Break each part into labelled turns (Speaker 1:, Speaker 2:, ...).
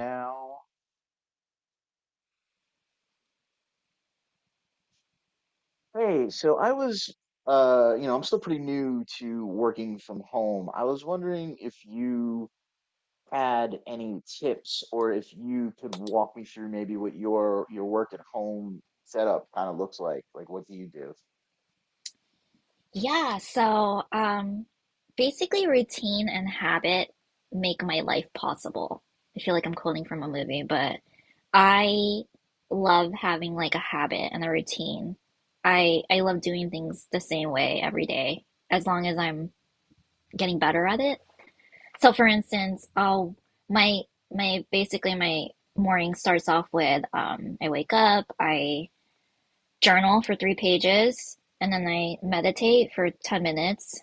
Speaker 1: Now, hey, so I was, I'm still pretty new to working from home. I was wondering if you had any tips or if you could walk me through maybe what your work at home setup kind of looks like. Like, what do you do?
Speaker 2: Yeah, so um, Basically, routine and habit make my life possible. I feel like I'm quoting from a movie, but I love having like a habit and a routine. I love doing things the same way every day, as long as I'm getting better at it. So, for instance, I'll my my basically my morning starts off with I wake up, I journal for three pages and then I meditate for 10 minutes.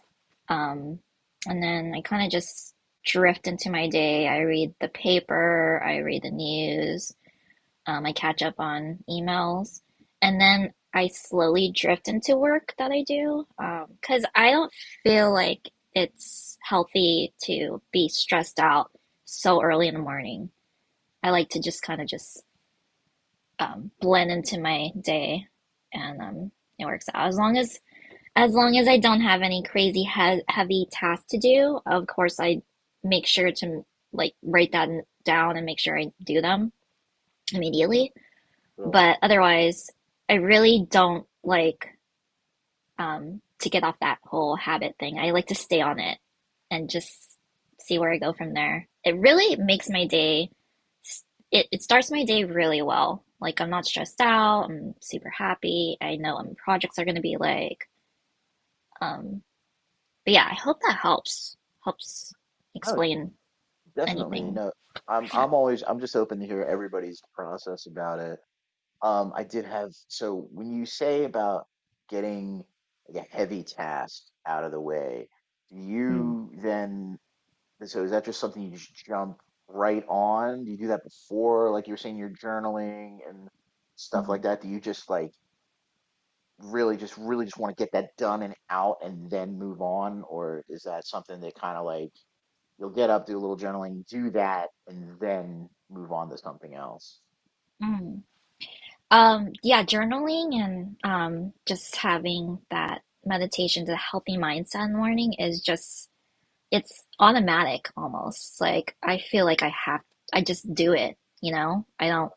Speaker 2: Um, and then I kind of just drift into my day. I read the paper, I read the news, I catch up on emails, and then I slowly drift into work that I do because I don't feel like it's healthy to be stressed out so early in the morning. I like to just kind of just blend into my day, and it works out. As long as I don't have any crazy he heavy tasks to do, of course I make sure to like write that down and make sure I do them
Speaker 1: Yeah.
Speaker 2: immediately.
Speaker 1: Cool.
Speaker 2: But otherwise, I really don't like to get off that whole habit thing. I like to stay on it and just see where I go from there. It really makes my day, it starts my day really well. Like, I'm not stressed out. I'm super happy. I know what my projects are going to be like. Um, but yeah, I hope that helps
Speaker 1: Oh,
Speaker 2: explain
Speaker 1: definitely.
Speaker 2: anything.
Speaker 1: No, I'm
Speaker 2: Yeah.
Speaker 1: I'm always I'm just open to hear everybody's process about it. I did have, so when you say about getting like a heavy task out of the way, do
Speaker 2: Mm,
Speaker 1: you then, so is that just something you just jump right on? Do you do that before, like you were saying, you're journaling and stuff like
Speaker 2: mm,
Speaker 1: that? Do you just like really just want to get that done and out and then move on? Or is that something that kind of like you'll get up, do a little journaling, do that, and then move on to something else?
Speaker 2: mm. Yeah, journaling and just having that meditation, the healthy mindset in the morning is just it's automatic almost. Like I feel like I just do it, you know? I don't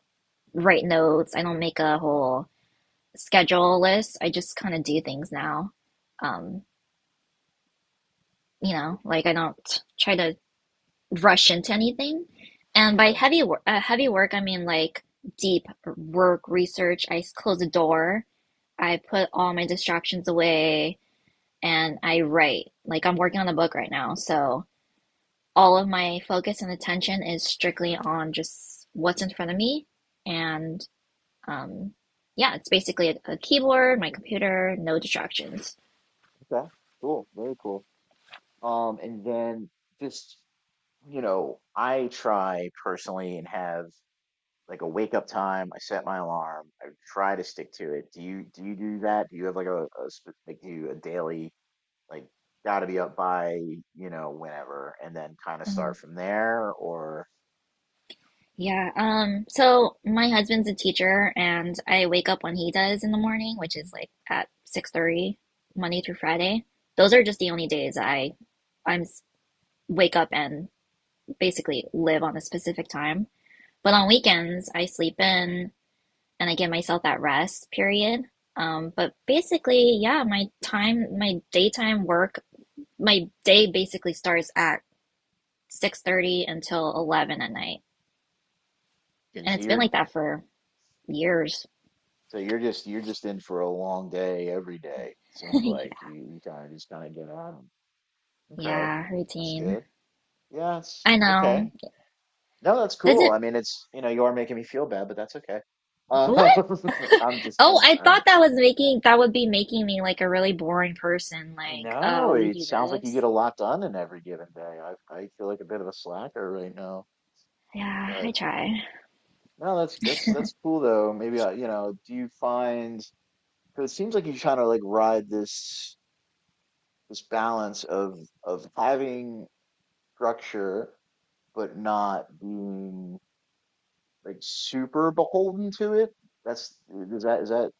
Speaker 2: write notes, I don't make a whole schedule list. I just kind of do things now. Um, you know, like I don't try to rush into anything. And by
Speaker 1: Right.
Speaker 2: heavy work, I mean like deep work research. I close the door. I put all my distractions away and I write. Like I'm working on a book right now, so all of my focus and attention is strictly on just what's in front of me. And um, yeah, it's basically a keyboard, my computer, no distractions.
Speaker 1: Okay. Cool. Very cool. And then just, you know, I try personally and have like a wake up time. I set my alarm. I try to stick to it. Do you do that? Do you have like a, like do you a daily like got to be up by, you know, whenever and then kind of
Speaker 2: Mm,
Speaker 1: start from there or
Speaker 2: Yeah, so my husband's a teacher and I wake up when he does in the morning, which is like at 6:30 Monday through Friday. Those are just the only days I I'm wake up and basically live on a specific time. But on weekends, I sleep in and I give myself that rest period. But basically, yeah, my daytime work, my day basically starts at 6:30 until 11 at night.
Speaker 1: because
Speaker 2: And it's been
Speaker 1: you're
Speaker 2: like that for years.
Speaker 1: so you're just in for a long day every day. Seems like
Speaker 2: Yeah.
Speaker 1: you kind of just kind of get on. Okay.
Speaker 2: Yeah,
Speaker 1: That's
Speaker 2: routine.
Speaker 1: good. Yeah, it's
Speaker 2: I know.
Speaker 1: okay. No, that's
Speaker 2: Does
Speaker 1: cool. I
Speaker 2: it
Speaker 1: mean, it's, you know, you are making me feel bad, but that's okay. Um,
Speaker 2: what?
Speaker 1: I'm just,
Speaker 2: Oh, I
Speaker 1: I'm,
Speaker 2: thought that was making that would be making me like a really boring person. Like,
Speaker 1: no,
Speaker 2: oh, you
Speaker 1: it
Speaker 2: do
Speaker 1: sounds like you get
Speaker 2: this?
Speaker 1: a lot done in every given day. I feel like a bit of a slacker right now,
Speaker 2: Yeah, I
Speaker 1: but
Speaker 2: try.
Speaker 1: no, that's cool though. You know, do you find, because it seems like you're trying to like ride this balance of having structure, but not being like super beholden to it. That's, is is that,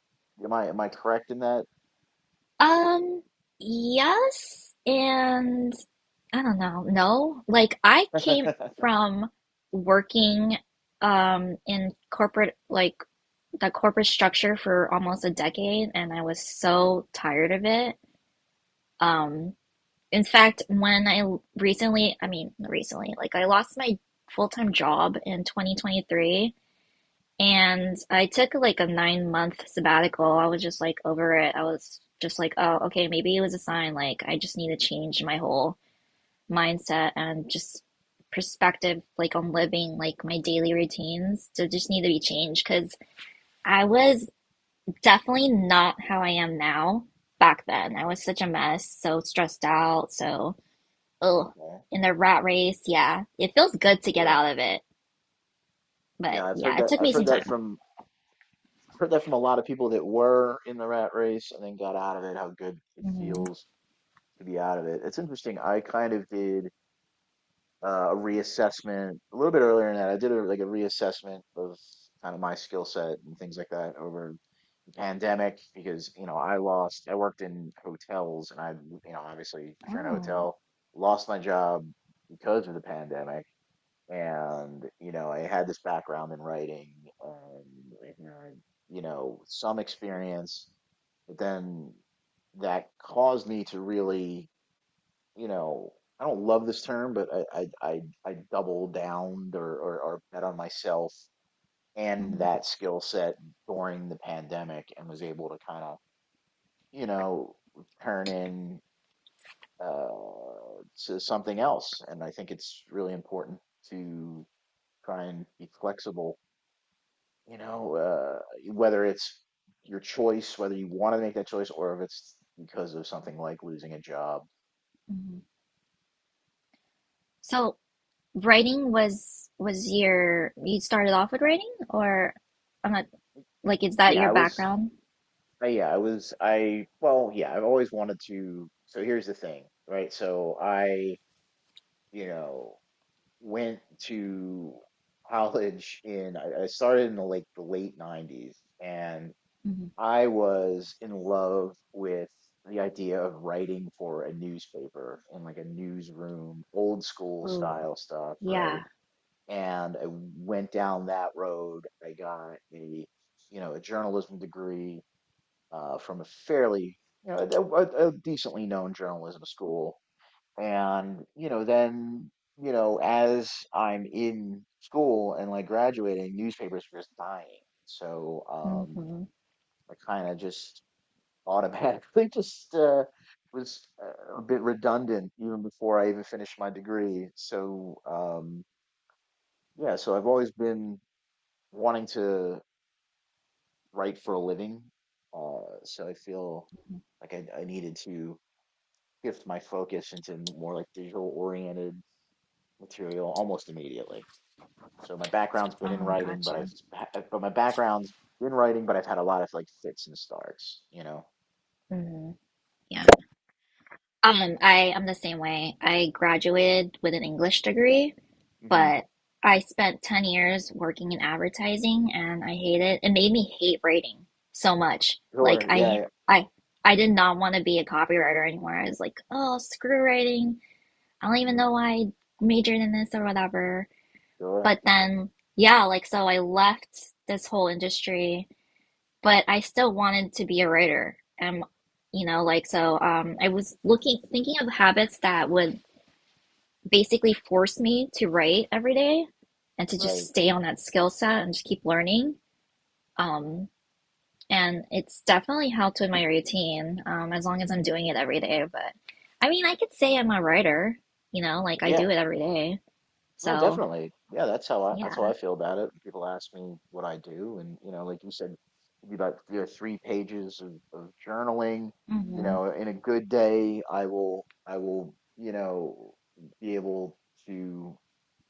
Speaker 1: am I correct in that?
Speaker 2: Um, yes, and I don't know. No, like I came
Speaker 1: Okay,
Speaker 2: from working in corporate like the corporate structure for almost a decade and I was so tired of it. Um, in fact, when I l- recently, I mean, recently, like I lost my full-time job in 2023 and I took like a 9 month sabbatical. I was just like over it. I was just like, oh, okay, maybe it was a sign. Like, I just need to change my whole mindset and just perspective, like on living, like my daily routines to just need to be changed. Cause I was definitely not how I am now back then. I was such a mess, so stressed out, so, oh, in the rat race. Yeah, it feels good to get
Speaker 1: sure.
Speaker 2: out of it.
Speaker 1: Yeah,
Speaker 2: But
Speaker 1: I've heard
Speaker 2: yeah, it
Speaker 1: that.
Speaker 2: took
Speaker 1: I've
Speaker 2: me some time.
Speaker 1: heard that from a lot of people that were in the rat race and then got out of it. How good it
Speaker 2: Hmm.
Speaker 1: feels to be out of it. It's interesting. I kind of did a reassessment a little bit earlier in that. I did a, like a reassessment of kind of my skill set and things like that over the pandemic because, you know, I lost. I worked in hotels and I, you know, obviously if you're in a
Speaker 2: Oh.
Speaker 1: hotel, lost my job because of the pandemic. And, you know, I had this background in writing, um and, you know, some experience. But then that caused me to really, you know, I don't love this term, but I double downed or, or bet on myself and
Speaker 2: Mm-hmm.
Speaker 1: that skill set during the pandemic, and was able to kind of, you know, turn in uh to something else. And I think it's really important to try and be flexible, you know, whether it's your choice, whether you want to make that choice, or if it's because of something like losing a job.
Speaker 2: Mhm. So writing was your you started off with writing or I'm not like is that
Speaker 1: Yeah,
Speaker 2: your
Speaker 1: I was,
Speaker 2: background?
Speaker 1: yeah, I've always wanted to. So here's the thing, right? You know, went to college in, I started in the late 90s, and
Speaker 2: Hmm.
Speaker 1: I was in love with the idea of writing for a newspaper in like a newsroom, old school
Speaker 2: Ooh,
Speaker 1: style stuff, right?
Speaker 2: yeah.
Speaker 1: And I went down that road. I got a, you know, a journalism degree, from a fairly, you know, a, a decently known journalism school. And, you know, then, you know, as I'm in school and like graduating, newspapers were just dying. So,
Speaker 2: Hmm.
Speaker 1: I kind of just automatically just was a bit redundant even before I even finished my degree. So yeah, so I've always been wanting to write for a living. So I feel like I needed to shift my focus into more like digital oriented material almost immediately. So my background's been in
Speaker 2: Oh,
Speaker 1: writing, but I've
Speaker 2: gotcha.
Speaker 1: ha- but my background's been writing, but I've had a lot of like fits and starts, you know.
Speaker 2: Hmm. Yeah. I'm the same way. I graduated with an English degree,
Speaker 1: Hmm.
Speaker 2: but I spent 10 years working in advertising and I hate it. It made me hate writing so much. Like
Speaker 1: Sure. Yeah.
Speaker 2: I
Speaker 1: Yeah.
Speaker 2: I I did not want to be a copywriter anymore. I was like, oh, screw writing. I don't even know
Speaker 1: Mm-hmm.
Speaker 2: why I majored in this or whatever.
Speaker 1: Sure.
Speaker 2: But then, yeah, like, so I left this whole industry, but I still wanted to be a writer. And, you know, like, so I was thinking of habits that would basically force me to write every day and to just
Speaker 1: Right.
Speaker 2: stay on that skill set and just keep learning. Um, and it's definitely helped with my routine, as long as I'm doing it every day. But I mean, I could say I'm a writer, you know, like I
Speaker 1: Yeah.
Speaker 2: do it every day.
Speaker 1: No,
Speaker 2: So.
Speaker 1: definitely. Yeah, that's how
Speaker 2: Yeah.
Speaker 1: I feel about it. People ask me what I do, and, you know, like you said, it'd be about, you know, three pages of journaling. You
Speaker 2: Hmm.
Speaker 1: know, in a good day, I will, you know, be able to,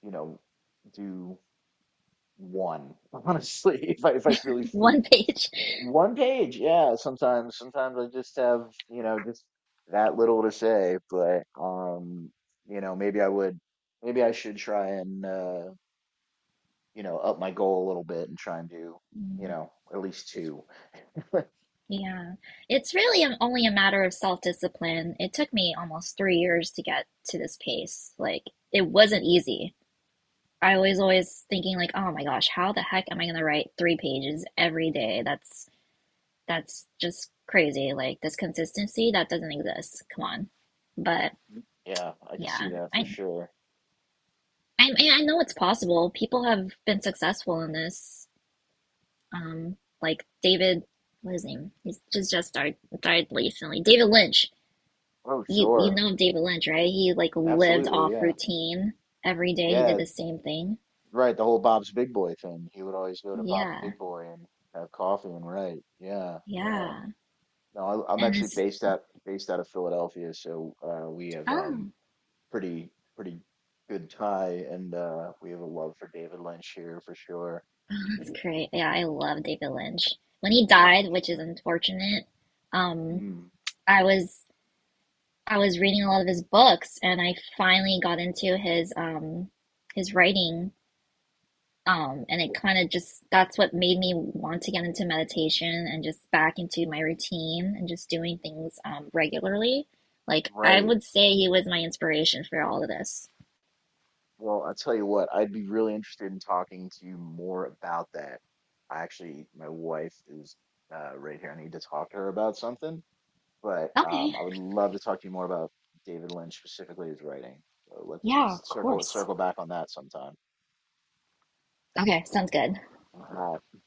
Speaker 1: you know, do one honestly if I really
Speaker 2: One page.
Speaker 1: one page, yeah. Sometimes I just have, you know, just that little to say, but you know, maybe I should try and, you know, up my goal a little bit and try and do, you
Speaker 2: Mm,
Speaker 1: know, at least two.
Speaker 2: Yeah. It's only a matter of self-discipline. It took me almost 3 years to get to this pace. Like, it wasn't easy. I was always thinking like, oh my gosh, how the heck am I gonna write three pages every day? That's just crazy. Like this consistency, that doesn't exist. Come on. But
Speaker 1: Yeah, I could see
Speaker 2: yeah,
Speaker 1: that for
Speaker 2: I
Speaker 1: sure.
Speaker 2: I know it's possible. People have been successful in this. um, like David, what is his name? He's just died recently. David Lynch.
Speaker 1: Oh,
Speaker 2: You
Speaker 1: sure.
Speaker 2: know David Lynch, right? He like lived
Speaker 1: Absolutely,
Speaker 2: off
Speaker 1: yeah.
Speaker 2: routine every day. He did
Speaker 1: Yeah,
Speaker 2: the same thing.
Speaker 1: right, the whole Bob's Big Boy thing. He would always go to Bob's
Speaker 2: Yeah,
Speaker 1: Big Boy and have coffee and write. Yeah, yeah.
Speaker 2: yeah.
Speaker 1: No, I, I'm
Speaker 2: And
Speaker 1: actually
Speaker 2: it's
Speaker 1: based out of Philadelphia, so we have
Speaker 2: oh,
Speaker 1: pretty good tie, and we have a love for David Lynch here for sure.
Speaker 2: that's great. Yeah, I love David Lynch. When he
Speaker 1: Yeah, for
Speaker 2: died, which is
Speaker 1: sure.
Speaker 2: unfortunate, um,
Speaker 1: Mm,
Speaker 2: I was I was reading a lot of his books, and I finally got into his writing. And it kind of just, that's what made me want to get into meditation and just back into my routine and just doing things regularly. Like, I
Speaker 1: right.
Speaker 2: would say he was my inspiration for all of this.
Speaker 1: Well, I'll tell you what, I'd be really interested in talking to you more about that. I actually, my wife is, right here. I need to talk to her about something, but
Speaker 2: Okay.
Speaker 1: I would love to talk to you more about David Lynch, specifically his writing. So let's
Speaker 2: Yeah, of
Speaker 1: circle
Speaker 2: course.
Speaker 1: circle back on that sometime.
Speaker 2: Okay, sounds good.
Speaker 1: Bye.